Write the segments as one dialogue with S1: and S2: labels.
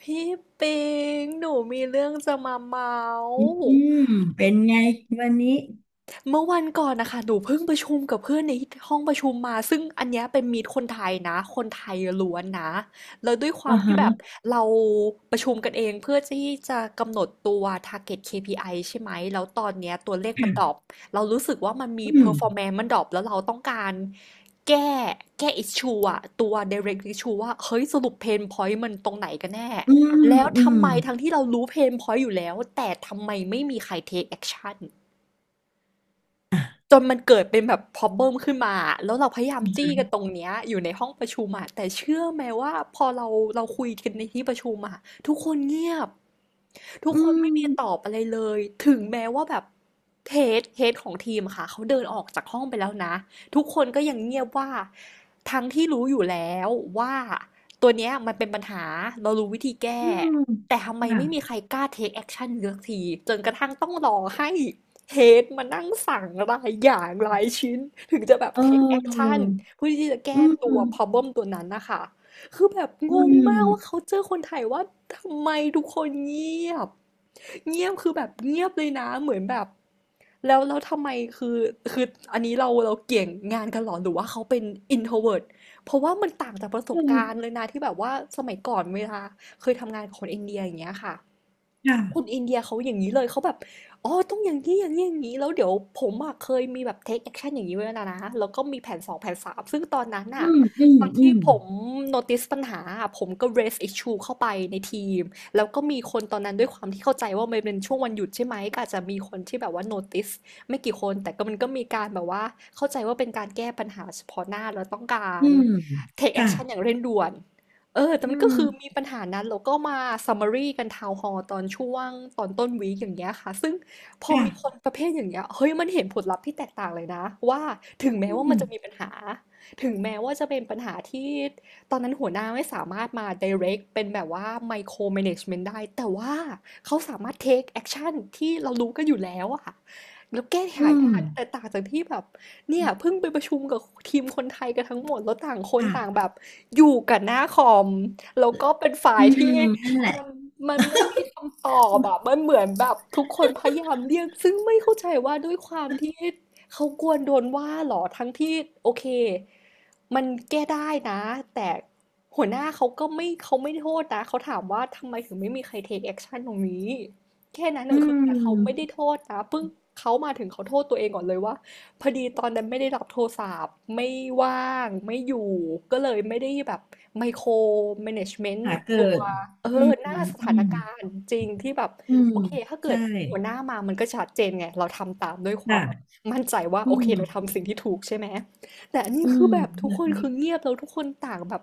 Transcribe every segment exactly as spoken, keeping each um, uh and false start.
S1: พี่ปิงหนูมีเรื่องจะมาเมา
S2: อ
S1: ส์
S2: ืมเป็นไงวันนี้
S1: เมื่อวันก่อนนะคะหนูเพิ่งประชุมกับเพื่อนในห้องประชุมมาซึ่งอันเนี้ยเป็นมีตคนไทยนะคนไทยล้วนนะแล้วด้วยควา
S2: อ่า
S1: มที่
S2: ฮะ
S1: แบบเราประชุมกันเองเพื่อที่จะกำหนดตัว target เค พี ไอ ใช่ไหมแล้วตอนเนี้ยตัวเลขมันดรอปเรารู้สึกว่ามันมี
S2: อืม
S1: performance มันดรอปแล้วเราต้องการแก้แก้ issue อะตัว direct issue ว่าเฮ้ยสรุป pain point มันตรงไหนกันแน่
S2: อืม
S1: แล้ว
S2: อืม
S1: ทำไมทั้งที่เรารู้ pain point อยู่แล้วแต่ทำไมไม่มีใคร take action จนมันเกิดเป็นแบบ problem ขึ้นมา แล้วเราพยายาม
S2: อื
S1: จี้กัน
S2: ม
S1: ตรงเนี้ยอยู่ในห้องประชุมอะแต่เชื่อไหมว่าพอเราเราคุยกันในที่ประชุมอะทุกคนเงียบ ทุกคนไม่มีตอบอะไรเลย ถึงแม้ว่าแบบ h ฮดเ h ดของทีมค่ะเขาเดินออกจากห้องไปแล้วนะ ทุกคนก็ยังเงียบว่าทั้งที่รู้อยู่แล้วว่าตัวเนี้ยมันเป็นปัญหาเรารู้วิธีแก้
S2: อืม
S1: แต่ทำไม
S2: ค่ะ
S1: ไม่มีใครกล้า take action สักทีจนกระทั่งต้องรอให้ เฮดมานั่งสั่งรายอย่างรายชิ้นถึงจะแบบ
S2: เ
S1: take
S2: ออ
S1: action เพื่อที่จะ
S2: อื
S1: แก้
S2: ม
S1: ตั
S2: อื
S1: ว
S2: ม
S1: problem ตัวนั้นนะคะคือแบบงงมากว่าเขาเจอคนไทยว่าทำไมทุกคนเงียบเงียบคือแบบเงียบเลยนะเหมือนแบบแล้วแล้วทำไมคือคืออันนี้เราเราเกี่ยงงานกันเหรอหรือว่าเขาเป็น introvert เพราะว่ามันต่างจากประส
S2: อื
S1: บการ
S2: ม
S1: ณ์เลยนะที่แบบว่าสมัยก่อนเวลาเคยทำงานกับคนอินเดียอย่างเงี้ยค่ะ คน
S2: ค่ะ
S1: อินเดียเขาอย่างนี้เลยเขาแบบอ๋อต้องอย่างนี้อย่างนี้อย่างนี้แล้วเดี๋ยวผมอะเคยมีแบบเทคแอคชั่นอย่างนี้ไว้แล้วนะแล้วก็มีแผนสองแผนสามซึ่งตอนนั้น
S2: อื
S1: น่ะ
S2: มอืม
S1: ตอน
S2: อื
S1: ที่
S2: ม
S1: ผม notice ปัญหาอะผมก็ raise issue เข้าไปในทีมแล้วก็มีคนตอนนั้นด้วยความที่เข้าใจว่ามันเป็นช่วงวันหยุดใช่ไหมก็อาจจะมีคนที่แบบว่า notice ไม่กี่คนแต่ก็มันก็มีการแบบว่าเข้าใจว่าเป็นการแก้ปัญหาเฉพาะหน้าแล้วต้องกา
S2: อื
S1: ร
S2: ม
S1: take
S2: ค่ะ
S1: action อย่างเร่งด่วน เออแต่
S2: อื
S1: มันก็
S2: ม
S1: คือมีปัญหานั้นแล้วก็มา summary กัน Town Hall ตอนช่วงตอนต้นวีคอย่างเงี้ยค่ะซึ่งพอมีคน
S2: ค่ะ
S1: ประเภทอย่างเงี้ยเฮ้ยมันเห็นผลลัพธ์ที่แตกต่างเลยนะว่าถึงแม้
S2: อื
S1: ว่ามัน
S2: ม
S1: จะมีปัญหาถึงแม้ว่าจะเป็นปัญหาที่ตอนนั้นหัวหน้าไม่สามารถมา direct เป็นแบบว่า micro management ได้แต่ว่าเขาสามารถ take action ที่เรารู้กันอยู่แล้วอะ แล้วแก้ไข
S2: อืม
S1: ทันแต่ต่างจากที่แบบเนี่ยเพิ่งไปประชุมกับทีมคนไทยกันทั้งหมดแล้วต่างคนต่าง
S2: ค่ะ
S1: แบบอยู่กับหน้าคอมแล้วก็เป็นฝ่า
S2: อื
S1: ยที่
S2: มนั่นแหละ
S1: มันมันไม่มีคำตอบอะมันเหมือนแบบทุกคนพยายามเรียกซึ่งไม่เข้าใจว่าด้วยความที่เขากลัวโดนว่าเหรอทั้งที่โอเคมันแก้ได้นะแต่หัวหน้าเขาก็ไม่เขาไม่โทษนะเขาถามว่าทำไมถึงไม่มีใคร take action ตรงนี้ แค่นั้นเน
S2: อื
S1: อะคือแต่เขาไม่ได้
S2: ม
S1: โทษนะเพิ่งเขามาถึงเขาโทษตัวเองก่อนเลยว่าพอดีตอนนั้นไม่ได้รับโทรศัพท์ไม่ว่างไม่อยู่ก็เลยไม่ได้แบบไมโครแมネจเมนต์
S2: ค่ะเกิ
S1: ตัว
S2: ด
S1: เออ
S2: อืม
S1: หน้าส
S2: อื
S1: ถาน
S2: ม
S1: การณ์จริงที่แบบ
S2: อืม
S1: โอเคถ้าเกิ
S2: ใช่
S1: ดมีหัวหน้ามามันก็ชัดเจนไงเราทำตามด้วยความแบบ
S2: ค่ะ
S1: มั่นใจว่า
S2: อื
S1: โอเคเรา
S2: ม
S1: ทำสิ่งที่ถูกใช่ไหม แต่อันนี้
S2: อื
S1: คื
S2: ม
S1: อแบบทุก
S2: แบ
S1: ค
S2: บ
S1: น
S2: นี้
S1: คือเงียบแล้วทุกคนต่างแบบ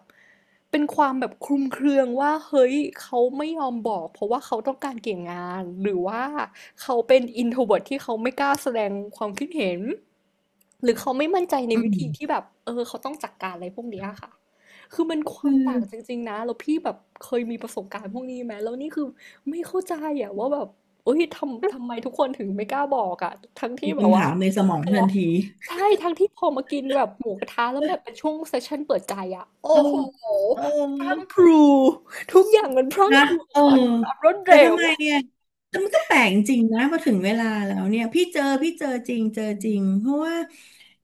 S1: เป็นความแบบคลุมเครือว่าเฮ้ยเขาไม่ยอมบอกเพราะว่าเขาต้องการเกี่ยงงานหรือว่าเขาเป็นอินโทรเ r ิร์ที่เขาไม่กล้าแสดงความคิดเห็นหรือเขาไม่มั่นใจใน
S2: อื
S1: วิธีที่
S2: ม
S1: แบบเออเขาต้องจัดการอะไรพวกเนี้ยค่ะคือมันควา
S2: คือ
S1: มต่างจริงๆนะแล้วพี่แบบเคยมีประสบการณ์พวกนี้ไหมแล้วนี่คือไม่เข้าใจอะว่าแบบเอ้ยทำทำไมทุกคนถึงไม่กล้าบอกอะทั้งที่
S2: มี
S1: แบบ
S2: คำ
S1: ว่า
S2: ถามในสมอ
S1: พ
S2: ง
S1: อ
S2: ทันที
S1: ใช่ทั้งที่พอมากินแบบหมูกระทะแล้วแบบเป็นช่วงเซสชั่นเปิดใจอะโอ้
S2: เออ
S1: โห
S2: เอ
S1: พรั่ง
S2: อ
S1: พรูทุกอย่างมันพรั่ง
S2: นะ
S1: พรูออ
S2: เอ
S1: ก
S2: อ
S1: มาด้วยความรวด
S2: แต่
S1: เร็
S2: ทำ
S1: ว
S2: ไมเนี่ยแต่มันก็แปลกจริงนะพอถึงเวลาแล้วเนี่ยพี่เจอพี่เจอจริงเจอจริงเพราะว่า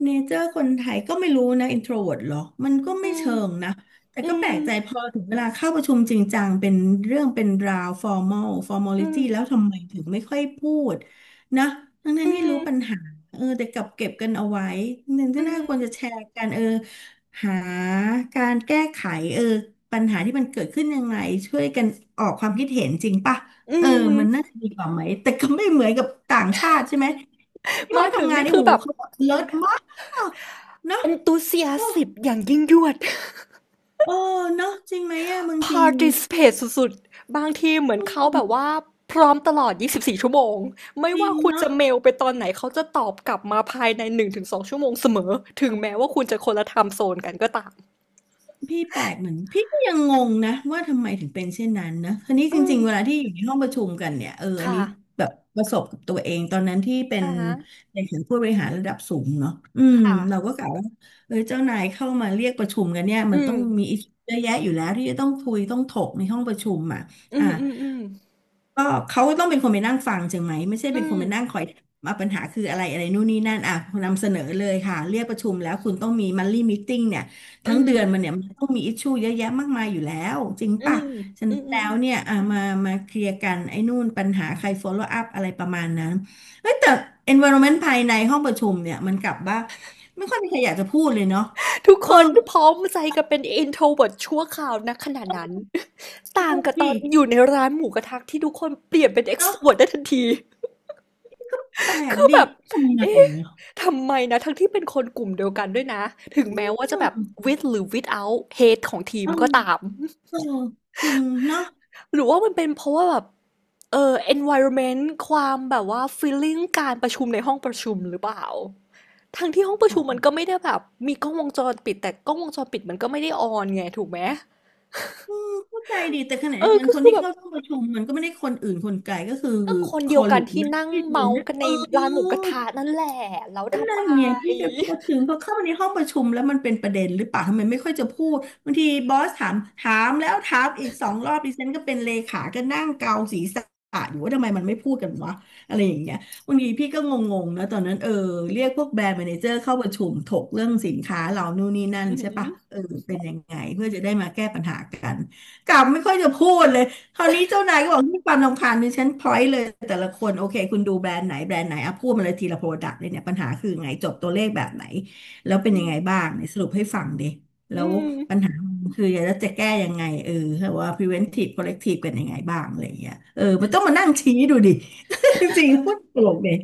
S2: เนเจอร์คนไทยก็ไม่รู้นะอินโทรเวิร์หรอมันก็
S1: อื
S2: ไม่
S1: ม
S2: เชิงนะแต่
S1: อื
S2: ก็แปล
S1: ม
S2: กใจพอถึงเวลาเข้าประชุมจริงจังเป็นเรื่องเป็นราวฟอร์มอลฟอร์มอลิ
S1: อืม
S2: ตี้แล้วทำไมถึงไม่ค่อยพูดนะทั้ง
S1: อื
S2: ๆที่รู้
S1: ม
S2: ปัญหาเออแต่กลับเก็บกันเอาไว้หนึ่ง
S1: อื
S2: ที่น่าควรจะ
S1: ม
S2: แชร์กันเออ หาการแก้ไขเออปัญหาที่มันเกิดขึ้นยังไงช่วยกันออกความคิดเห็นจริงป่ะ
S1: อื
S2: เออมันน่า
S1: ม
S2: จะดีกว่าไหมแต่ก็ไม่เหมือนกับต่างชาติใช่ไหมที่
S1: มา
S2: เขา
S1: ถึง
S2: ทำงาน
S1: นี่
S2: ที่
S1: คือ
S2: หู
S1: แบบ
S2: เขาเลิศมากเนาะ
S1: e n t h u s i a s
S2: โอ้
S1: สิบอย่างยิ่งยวด
S2: โอ้เนาะจริงไหมอะบางที
S1: participate สุดๆบางทีเหมือนเขาแบบว่าพร้อมตลอดยี่สิบสี่ชั่วโมงไม่
S2: จริ
S1: ว่า
S2: ง
S1: คุณจะ
S2: เนาะ
S1: เมลไปตอนไหนเขาจะตอบกลับมาภายในหนึ่งถึงสองชั่วโมงเสมอถึงแม้ว่าคุณจะคนละไทม์โซนกันก็ตาม
S2: พี่แปลกเหมือนพี่ก็ยังงงนะว่าทำไมถึงเป็นเช่นนั้นนะทีนี้
S1: อื
S2: จริ
S1: ม
S2: งๆเวลาที่อยู่ในห้องประชุมกันเนี่ยเอออัน
S1: ค่ะ
S2: นี้แบบประสบกับตัวเองตอนนั้นที่เป็น
S1: อะฮะ
S2: ในถึงผู้บริหารระดับสูงเนาะอื
S1: ค
S2: มเรา
S1: ่ะ
S2: ก็กะว่าเออเจ้านายเข้ามาเรียกประชุมกันเนี่ย
S1: อื
S2: มันต้
S1: ม
S2: องมีอิชเยอะแยะอยู่แล้วที่จะต้องคุยต้องถกในห้องประชุมอ่ะ
S1: อื
S2: อ่า
S1: มอืมอืม
S2: ก็เขาต้องเป็นคนไปนั่งฟังใช่ไหมไม่ใช่
S1: อื
S2: เป็นคน
S1: ม
S2: ไปนั่งคอยมาปัญหาคืออะไรอะไรนู่นนี่นั่นอ่ะนำเสนอเลยค่ะเรียกประชุมแล้วคุณต้องมีมันลี่ม e ติ้งเนี่ยทั้
S1: อื
S2: ง
S1: ม
S2: เดือนมันเนี่ยมันต้องมีอิชชูเยอะแยะมากมายอยู่แล้วจริง
S1: อื
S2: ป่ะ
S1: ม
S2: ฉะ
S1: อื
S2: นั้นแล้
S1: ม
S2: วเนี่ยอ่ะมามาเคลียร์กันไอ้นู่นปัญหาใคร follow up อะไรประมาณนั้นเอ้ยแต่ environment ภายในห้องประชุมเนี่ยมันกลับว่าไม่ค่อยมีใครอยากจะพูดเลยเนาะ
S1: ๆทุก
S2: เอ
S1: ค
S2: อ
S1: นพร้อมใจกันเป็น introvert ชั่วคราวณขณะนั้น ต่า
S2: ง
S1: ง
S2: ง
S1: กับตอ
S2: ดิ
S1: นอยู่ในร้านหมูกระทะที่ทุกคนเปลี่ยนเป็น
S2: เนาะ
S1: extrovert ได้ทันที
S2: ก็แปลก
S1: คือ
S2: ดิ
S1: แบบ
S2: ทำไง
S1: เอ๊ะ
S2: เนี่ย
S1: ทำไมนะทั้งที่เป็นคนกลุ่มเดียวกันด้วยนะ ถึงแม้ว่าจะแบบ with หรือ without hate ของทีม
S2: อืม
S1: ก็ตาม
S2: เออจริงเนาะ
S1: หรือว่ามันเป็นเพราะว่าแบบเออ environment ความแบบว่า feeling การประชุมในห้องประชุมหรือเปล่าทั้งที่ห้องประ
S2: อ๋อ
S1: ชุมมันก็ไม่ได้แบบมีกล้องวงจรปิดแต่กล้องวงจรปิดมันก็ไม่ได้ออนไงถูกไหม
S2: เข้าใจดีแต่ขณะ
S1: เอ
S2: เดีย
S1: อ
S2: วกัน
S1: ก็
S2: คน
S1: คือ
S2: ที่
S1: แบบ
S2: เข้าร่วมประชุมมันก็ไม่ได้คนอื่นคนไกลก็คือ
S1: ก็คน
S2: ค
S1: เดี
S2: อ
S1: ยวกั
S2: ลิ
S1: น
S2: ก
S1: ที่
S2: นะ
S1: นั่ง
S2: ที่อยู่
S1: เมาส์
S2: เนี่ย
S1: กัน
S2: เอ
S1: ใน
S2: อ
S1: ร้านหมูกระทะนั่นแหละแล้ว
S2: ก็
S1: ทำ
S2: นั่
S1: ไม
S2: นเนี่ยพี่ก็พูดถึงพอเข้ามาในห้องประชุมแล้วมันเป็นประเด็นหรือเปล่าทำไมไม่ค่อยจะพูดบางทีบอสถามถามแล้วถามอีกสองรอบดิฉันก็เป็นเลขาก็นั่งเกาศีรษะอยู่ว่าทำไมมันไม่พูดกันวะอะไรอย่างเงี้ยบางทีพี่ก็งงๆนะตอนนั้นเออเรียกพวกแบรนด์แมเนเจอร์เข้าประชุมถกเรื่องสินค้าเรานู่นนี่นั่น
S1: อื
S2: ใช่ปะ
S1: ม
S2: เออเป็นยังไงเพื่อจะได้มาแก้ปัญหากันกลับไม่ค่อยจะพูดเลย คราวนี้เจ้านายก็บอกที่ความรำคาญมีฉันพอยต์เลยแต่ละคนโอเคคุณดูแบรนด์ไหนแบรนด์ไหนอ่ะพูดมาเลยทีละโปรดักต์เลยเนี่ยปัญหาคือไงจบตัวเลขแบบไหนแล้ว
S1: อื
S2: เป็นยัง
S1: ม
S2: ไงบ้างเนี่ยสรุปให้ฟังดิแล้
S1: อื
S2: ว
S1: ม
S2: ปัญหามันคืออยากจะแก้ยังไงเออว่า preventive corrective เป็นยังไงบ้างอะไรอย่างเงี้ยเออมันต้องมานั่งชี้ดูดิ จริงๆพูดตลกเลย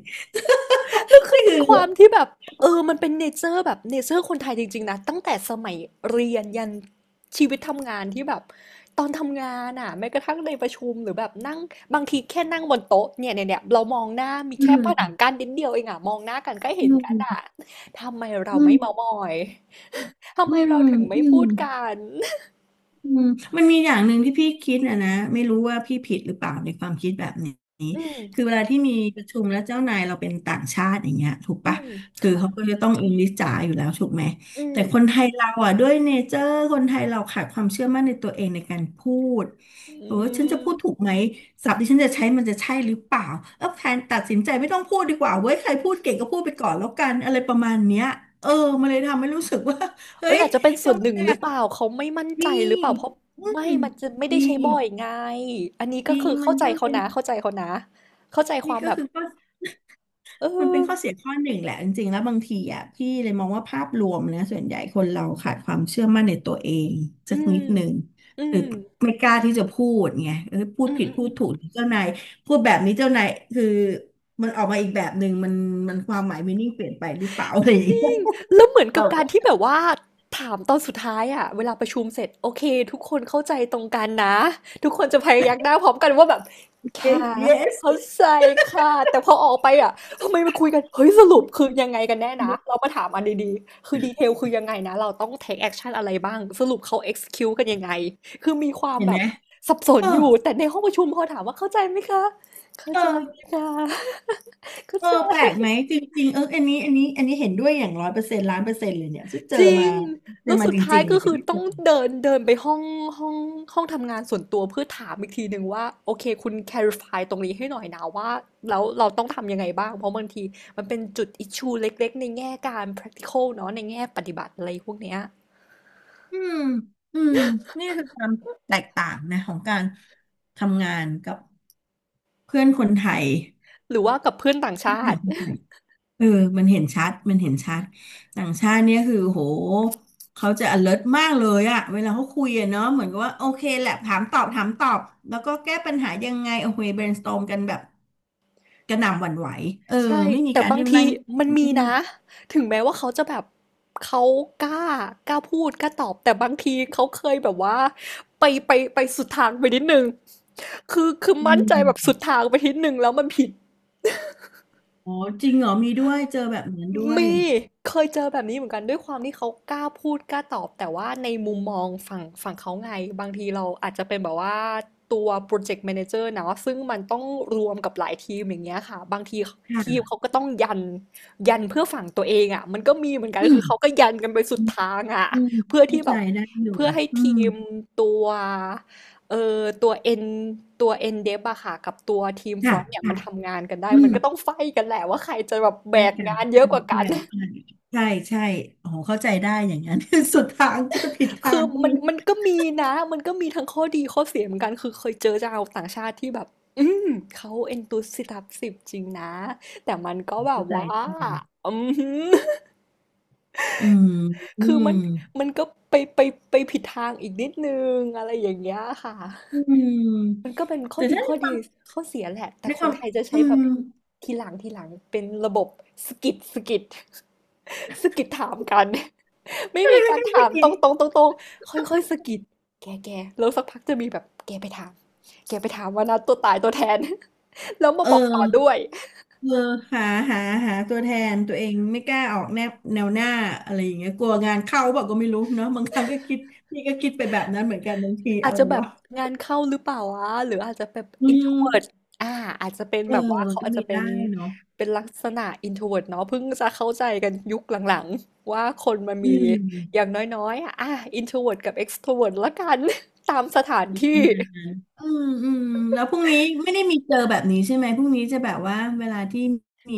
S1: แล้วคือ
S2: นี่
S1: เป็
S2: คื
S1: น
S2: อ
S1: ความที่แบบเออมันเป็นเนเจอร์แบบเนเจอร์คนไทยจริงๆนะตั้งแต่สมัยเรียนยันชีวิตทำงานที่แบบตอนทำงานอ่ะแม้กระทั่งในประชุมหรือแบบนั่งบางทีแค่นั่งบนโต๊ะเนี่ยเนี่ยเนี่ยเรามองหน้ามี
S2: อื
S1: แค่ผนัง
S2: ม
S1: กั้นนิดเดียวเองอ่ะมองหน้ากันก็
S2: อื
S1: เห็นกัน
S2: ม
S1: อ่ะทำไมเรา
S2: อื
S1: ไม่
S2: ม
S1: เมามอยทำ
S2: อื
S1: ไม
S2: ม
S1: เราถึงไม่
S2: อืม
S1: พูดกัน
S2: อืมมันมีอย่างหนึ่งที่พี่คิดนะนะไม่รู้ว่าพี่ผิดหรือเปล่าในความคิดแบบนี้
S1: อืม
S2: คือเวลาที่มีประชุมแล้วเจ้านายเราเป็นต่างชาติอย่างเงี้ยถูก
S1: อื
S2: ปะ
S1: ม
S2: คือเขา
S1: ค่ะ
S2: ก็จะต้องอิงลิสจ๋าอยู่แล้วถูกไหม
S1: อื
S2: แต่คน
S1: ม
S2: ไทยเราอ่ะด้วยเนเจอร์คนไทยเราขาดความเชื่อมั่นในตัวเองในการพูด
S1: อื
S2: เออฉันจะ
S1: ม
S2: พูดถูกไหมศัพท์ที่ฉันจะใช้มันจะใช่หรือเปล่าเออแทนตัดสินใจไม่ต้องพูดดีกว่าเว้ยใครพูดเก่งก็พูดไปก่อนแล้วกันอะไรประมาณเนี้ยเออมันเลยทำให้รู้สึกว่าเฮ้
S1: เอ้ย
S2: ย
S1: อาจจะเป็นส่วน
S2: ทำ
S1: ห
S2: ไม
S1: นึ่งหรื
S2: อะ
S1: อเปล่าเขาไม่มั่นใจ
S2: มี
S1: หรือเปล่าเพราะ
S2: อื
S1: ไม่
S2: ม
S1: มันจะไม่ได้
S2: มี
S1: ใช้บ่อยไงอันนี้
S2: จ
S1: ก็
S2: ริง
S1: คือ
S2: มั
S1: เข้า
S2: น
S1: ใจ
S2: ก็
S1: เขา
S2: เลย
S1: นะเข้าใจเขานะเข้าใจค
S2: นี่
S1: วาม
S2: ก็
S1: แบบ
S2: คือก็
S1: เอ
S2: มันเป็
S1: อ
S2: นข้อเสียข้อหนึ่งแหละจริงๆแล้วบางทีอ่ะพี่เลยมองว่าภาพรวมนะส่วนใหญ่คนเราขาดความเชื่อมั่นในตัวเอง
S1: อื
S2: สัก
S1: ม
S2: นิดหนึ่ง
S1: อื
S2: หรื
S1: ม
S2: อไม่กล้าที่จะพูดไงเออพูด
S1: อืม
S2: ผิด
S1: อืม
S2: พู
S1: อื
S2: ด
S1: ม
S2: ถูกเจ้านายพูดแบบนี้เจ้านายคือมันออกมาอีกแบบหนึ่งมันมันความหมายมีนิ่งเปลี่ยนไปหรือเปล่าอะไรอย่า
S1: จ
S2: ง
S1: ริ
S2: เงี้ย
S1: งแล้วเหมือน กั
S2: เรา
S1: บกา
S2: ก็
S1: รที่แบบว่าถามตอนสุดท้ายอะเวลาประชุมเสร็จโอเคทุกคนเข้าใจตรงกันนะทุกคนจะพยักหน้าพร้อมกันว่าแบบค่ะ
S2: เ yes
S1: เข้าใจค่ะแต่พอออกไปอะทำไมมาคุยกันเฮ้ยสรุปคือยังไงกันแน่นะเรามาถามอันดีๆคือดีเทลคือยังไงนะเราต้อง take action อะไรบ้างสรุปเขา execute กันยังไงคือมีความ
S2: เห็น
S1: แบ
S2: ไหม
S1: บสับส
S2: เอ
S1: น
S2: อ
S1: อยู่แต่ในห้องประชุมพอถามว่าเข้าใจไหมคะเข้า
S2: เอ
S1: ใจ
S2: อ
S1: ค่ะเข้า
S2: เออ
S1: ใ
S2: แปลกไหม
S1: จ
S2: จริงๆเอออันนี้อันนี้อันนี้เห็นด้วยอย่างร้อยเปอร์เซ็นต์ล้านเปอร์เซ็นต์เลยเนี่ยซึ่งเจ
S1: จ
S2: อ
S1: ริ
S2: มา
S1: ง
S2: เจอ
S1: แล้ว
S2: มา
S1: สุด
S2: จ
S1: ท้าย
S2: ริงๆ
S1: ก็
S2: เลย
S1: คือ
S2: ที่
S1: ต้
S2: เจ
S1: อง
S2: อ
S1: เดินเดินไปห้องห้องห้องทำงานส่วนตัวเพื่อถามอีกทีหนึ่งว่าโอเคคุณ clarify ตรงนี้ให้หน่อยนะว่าแล้วเราต้องทำยังไงบ้างเพราะบางทีมันเป็นจุด issue เล็กๆในแง่การ practical เนาะในแง่ปฏิบัติอะไรพวกเนี้ย
S2: อืมอืมนี่คือความแตกต่างนะของการทำงานกับเพื่อนคนไทย
S1: หรือว่ากับเพื่อนต่างชาติ
S2: เออมันเห็นชัด มันเห็นชัด ต่างชาติเนี่ยคือโหเขาจะ alert มากเลยอะเวลาเขาคุยอะเนาะเหมือนกับว่าโอเคแหละถามตอบถามตอบ แล้วก็แก้ปัญหายังไงโอเค brainstorm กันแบบกระหน่ำหวั่นไหวเออ
S1: ใช่
S2: ไม่มี
S1: แต่
S2: การ
S1: บาง
S2: ที่มา
S1: ที
S2: นั่ง
S1: มันมี
S2: เลือ
S1: นะ
S2: ก
S1: ถึงแม้ว่าเขาจะแบบเขากล้ากล้าพูดกล้าตอบแต่บางทีเขาเคยแบบว่าไปไปไปสุดทางไปนิดนึงคือคือ
S2: อื
S1: มั่นใจแบบสุ
S2: ม
S1: ดทางไปนิดนึงแล้วมันผิด
S2: อ๋อจริงเหรอมีด้วยเจอแบบนั้นด้ว
S1: มี
S2: ย
S1: เคยเจอแบบนี้เหมือนกันด้วยความที่เขากล้าพูดกล้าตอบแต่ว่าในมุมมองฝั่งฝั่งเขาไงบางทีเราอาจจะเป็นแบบว่าตัวพรอเจกต์แมเนเจอร์เนาะซึ่งมันต้องรวมกับหลายทีมอย่างเงี้ยค่ะบางที
S2: ค
S1: ทีมเขา
S2: ่ะ
S1: ก็ต้องยันยันเพื่อฝั่งตัวเองอะมันก็มีเหมือนกัน
S2: อืม
S1: คือเขาก็ยันกันไปสุดทางอะ
S2: อืม
S1: เพื่อ
S2: เข้า
S1: ที่แบ
S2: ใจ
S1: บ
S2: ได้อยู่
S1: เพื่อให้
S2: อื
S1: ที
S2: ม
S1: มตัว เออตัวเอ็นตัวเอ็นเดฟอะค่ะกับตัวทีมฟร
S2: ค่ะ
S1: อนต์เนี่ยมั
S2: ค่ะ
S1: นทำงานกันได้
S2: อื
S1: มั
S2: ม
S1: นก็ต้องไฟต์กันแหละว่าใครจะแบบแบ
S2: ใช่
S1: กงาน
S2: ค่ะ
S1: เยอะกว่ากัน
S2: ใช่ใช่ใช่ใช่ใช่โอ้โหเข้าใจได้อย่างนั้น สุดทางจะผิด ทา
S1: คื
S2: ง
S1: อ
S2: ก็
S1: มั
S2: มี
S1: นมันก็มีนะมันก็มีทั้งข้อดีข้อเสียเหมือนกันคือเคยเจอชาวต่างชาติที่แบบอืมเขาเอ็นตูสิตับสิบจริงนะแต่มันก็แบบ
S2: เข้าใจ
S1: ว่า
S2: ได้เลย
S1: อืม
S2: อืมอื
S1: คือ
S2: ม
S1: มันมันก็ไปไปไปผิดทางอีกนิดนึงอะไรอย่างเงี้ยค่ะ
S2: อื
S1: มัน
S2: ม
S1: ก็เป็นข้อ
S2: แต่
S1: ดี
S2: ถ้าใน
S1: ข้อ
S2: ค
S1: ดี
S2: วาม
S1: ข้อเสียแหละแต่
S2: ใน
S1: ค
S2: ค
S1: น
S2: วาม
S1: ไทยจะ
S2: อื
S1: ใช้แบบ
S2: ม
S1: ทีหลังทีหลังเป็นระบบสกิดสกิด สกิดถามกัน ไม่
S2: ก็เล
S1: มี
S2: ย
S1: การ
S2: แค่คิ
S1: ถา
S2: ด
S1: ม
S2: กิ
S1: ตร
S2: น
S1: งตรงตรงตรงค่อยค่อยๆสกิดแกแกแล้วสักพักจะมีแบบแกไปถามแกไปถามว่านะตัวตายตัวแทน แล้วมา
S2: เอ
S1: บอกต่อ
S2: อ
S1: ด้วย
S2: เออหาหาหาตัวแทนตัวเองไม่กล้าออกแนวแนวหน้าอะไรอย่างเงี้ยกลัวงานเข้าบอกก็ไม่รู้เนาะบางครั้งก็คิดนี่ก็คิดไปแบบนั้นเหมือนกันบางที
S1: อา
S2: อะ
S1: จ
S2: ไร
S1: จะแบบ
S2: วะ
S1: งานเข้าหรือเปล่าวะหรืออาจจะแบบ
S2: อืม
S1: introvert อ่าอาจจะเป็น
S2: เออ
S1: แบบว่า
S2: มัน
S1: เขา
S2: ก็
S1: อาจ
S2: มี
S1: จะเป็
S2: ได้
S1: น
S2: เนาะ
S1: เป็นลักษณะ introvert เนาะเพิ่งจะเข้าใจกันยุคหลังๆว่าคนมัน
S2: อื
S1: มีอย่า
S2: ม
S1: งน้อยๆอ่ะอ่ะ introvert กับ extrovert ละกัน ตามสถานที่
S2: อืมอืมแล้วพรุ่งนี้ไม่ได้มีเจอแบบนี้ใช่ไหมพรุ่งนี้จะแบบว่าเวลาที่มี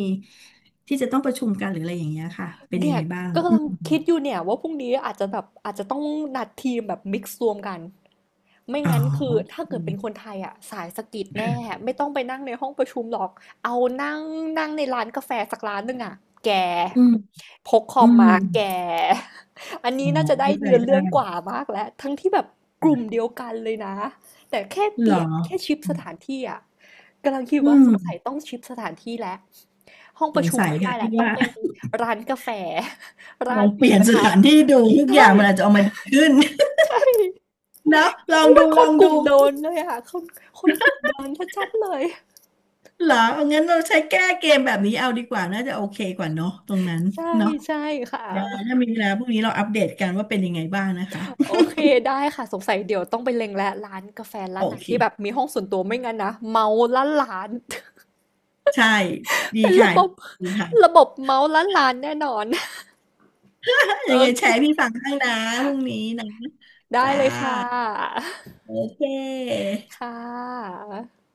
S2: ที่จะต้องประชุมกันหรืออะไรอย่างเงี้ยค่ะเป็นยั
S1: เนี่
S2: ง
S1: ย
S2: ไงบ้าง
S1: ก็
S2: อื
S1: กำลั
S2: ม
S1: งคิดอยู่เนี่ยว่าพรุ่งนี้อาจจะแบบอาจจะต้องนัดทีมแบบมิกซ์รวมกัน ไม่
S2: อ๋อ
S1: งั้นคือถ้า
S2: โอ
S1: เกิดเป็นค
S2: เค
S1: นไทยอ่ะสายสกิดแน่ไม่ต้องไปนั่งในห้องประชุมหรอกเอานั่งนั่งในร้านกาแฟสักร้านหนึ่งอ่ะแก
S2: อืม
S1: พกคอ
S2: อื
S1: ม
S2: ม
S1: มาแกอัน
S2: อ๋
S1: นี้
S2: อ
S1: น่าจะได้
S2: เข้าใจ
S1: เนื้อ
S2: ได้
S1: เรื่องกว่ามากแล้วทั้งที่แบบกลุ่มเดียวกันเลยนะแต่แค่เป
S2: เหร
S1: ลี่
S2: อ
S1: ยนแค่ชิปสถานที่อ่ะกำลังคิด
S2: อื
S1: ว่า
S2: ม
S1: สงสัยต้องชิปสถานที่แล้วห้อง
S2: ส
S1: ประ
S2: ง
S1: ชุม
S2: สัย
S1: ไม่ได้
S2: ค่ะ
S1: แล้
S2: ที่
S1: วต้อง
S2: ว่า
S1: เป็นร้านกาแฟ
S2: ล
S1: ร้า
S2: อ
S1: น
S2: ง
S1: ห
S2: เป
S1: มู
S2: ลี่ย
S1: ก
S2: น
S1: ระ
S2: ส
S1: ทะ
S2: ถานที่ดูทุกอ
S1: ใช่
S2: ย่างมันอาจจะออกมาดีขึ้น
S1: ใช่
S2: เนาะลอง
S1: อุ๊ยมั
S2: ดู
S1: นค
S2: ล
S1: น
S2: อง
S1: กลุ่
S2: ดู
S1: มโดนเลยอะคนคนกลุ่มโดนชัดๆเลย
S2: เหรองั้นเราใช้แก้เกมแบบนี้เอาดีกว่าน่าจะโอเคกว่าเนอะตรงนั้น
S1: ใช่
S2: เนาะ
S1: ใช่ค่ะ
S2: ได้ถ้ามีเวลาพรุ่งนี้เราอัปเดตกันว่าเป็นยังไงบ้างนะคะ
S1: โอเคได้ค่ะสงสัยเดี๋ยวต้องไปเล็งแล้วร้านกาแฟ
S2: โอ
S1: ร้านไหน
S2: เค
S1: ที่แบบมีห้องส่วนตัวไม่งั้นนะเมาล้านล้าน
S2: ใช่ ดี
S1: เป็นระ
S2: ค่ะ
S1: บบ
S2: ดีค่ะ
S1: ระบบเมาล้านล้านแน่นอน
S2: ถ้า
S1: โอ
S2: ยังไง
S1: เค
S2: แชร์ให้พี่ฟังข้างนะพรุ่งนี้นะ
S1: ได้
S2: จ้า
S1: เลยค่ะ
S2: โอเค
S1: ค่ะ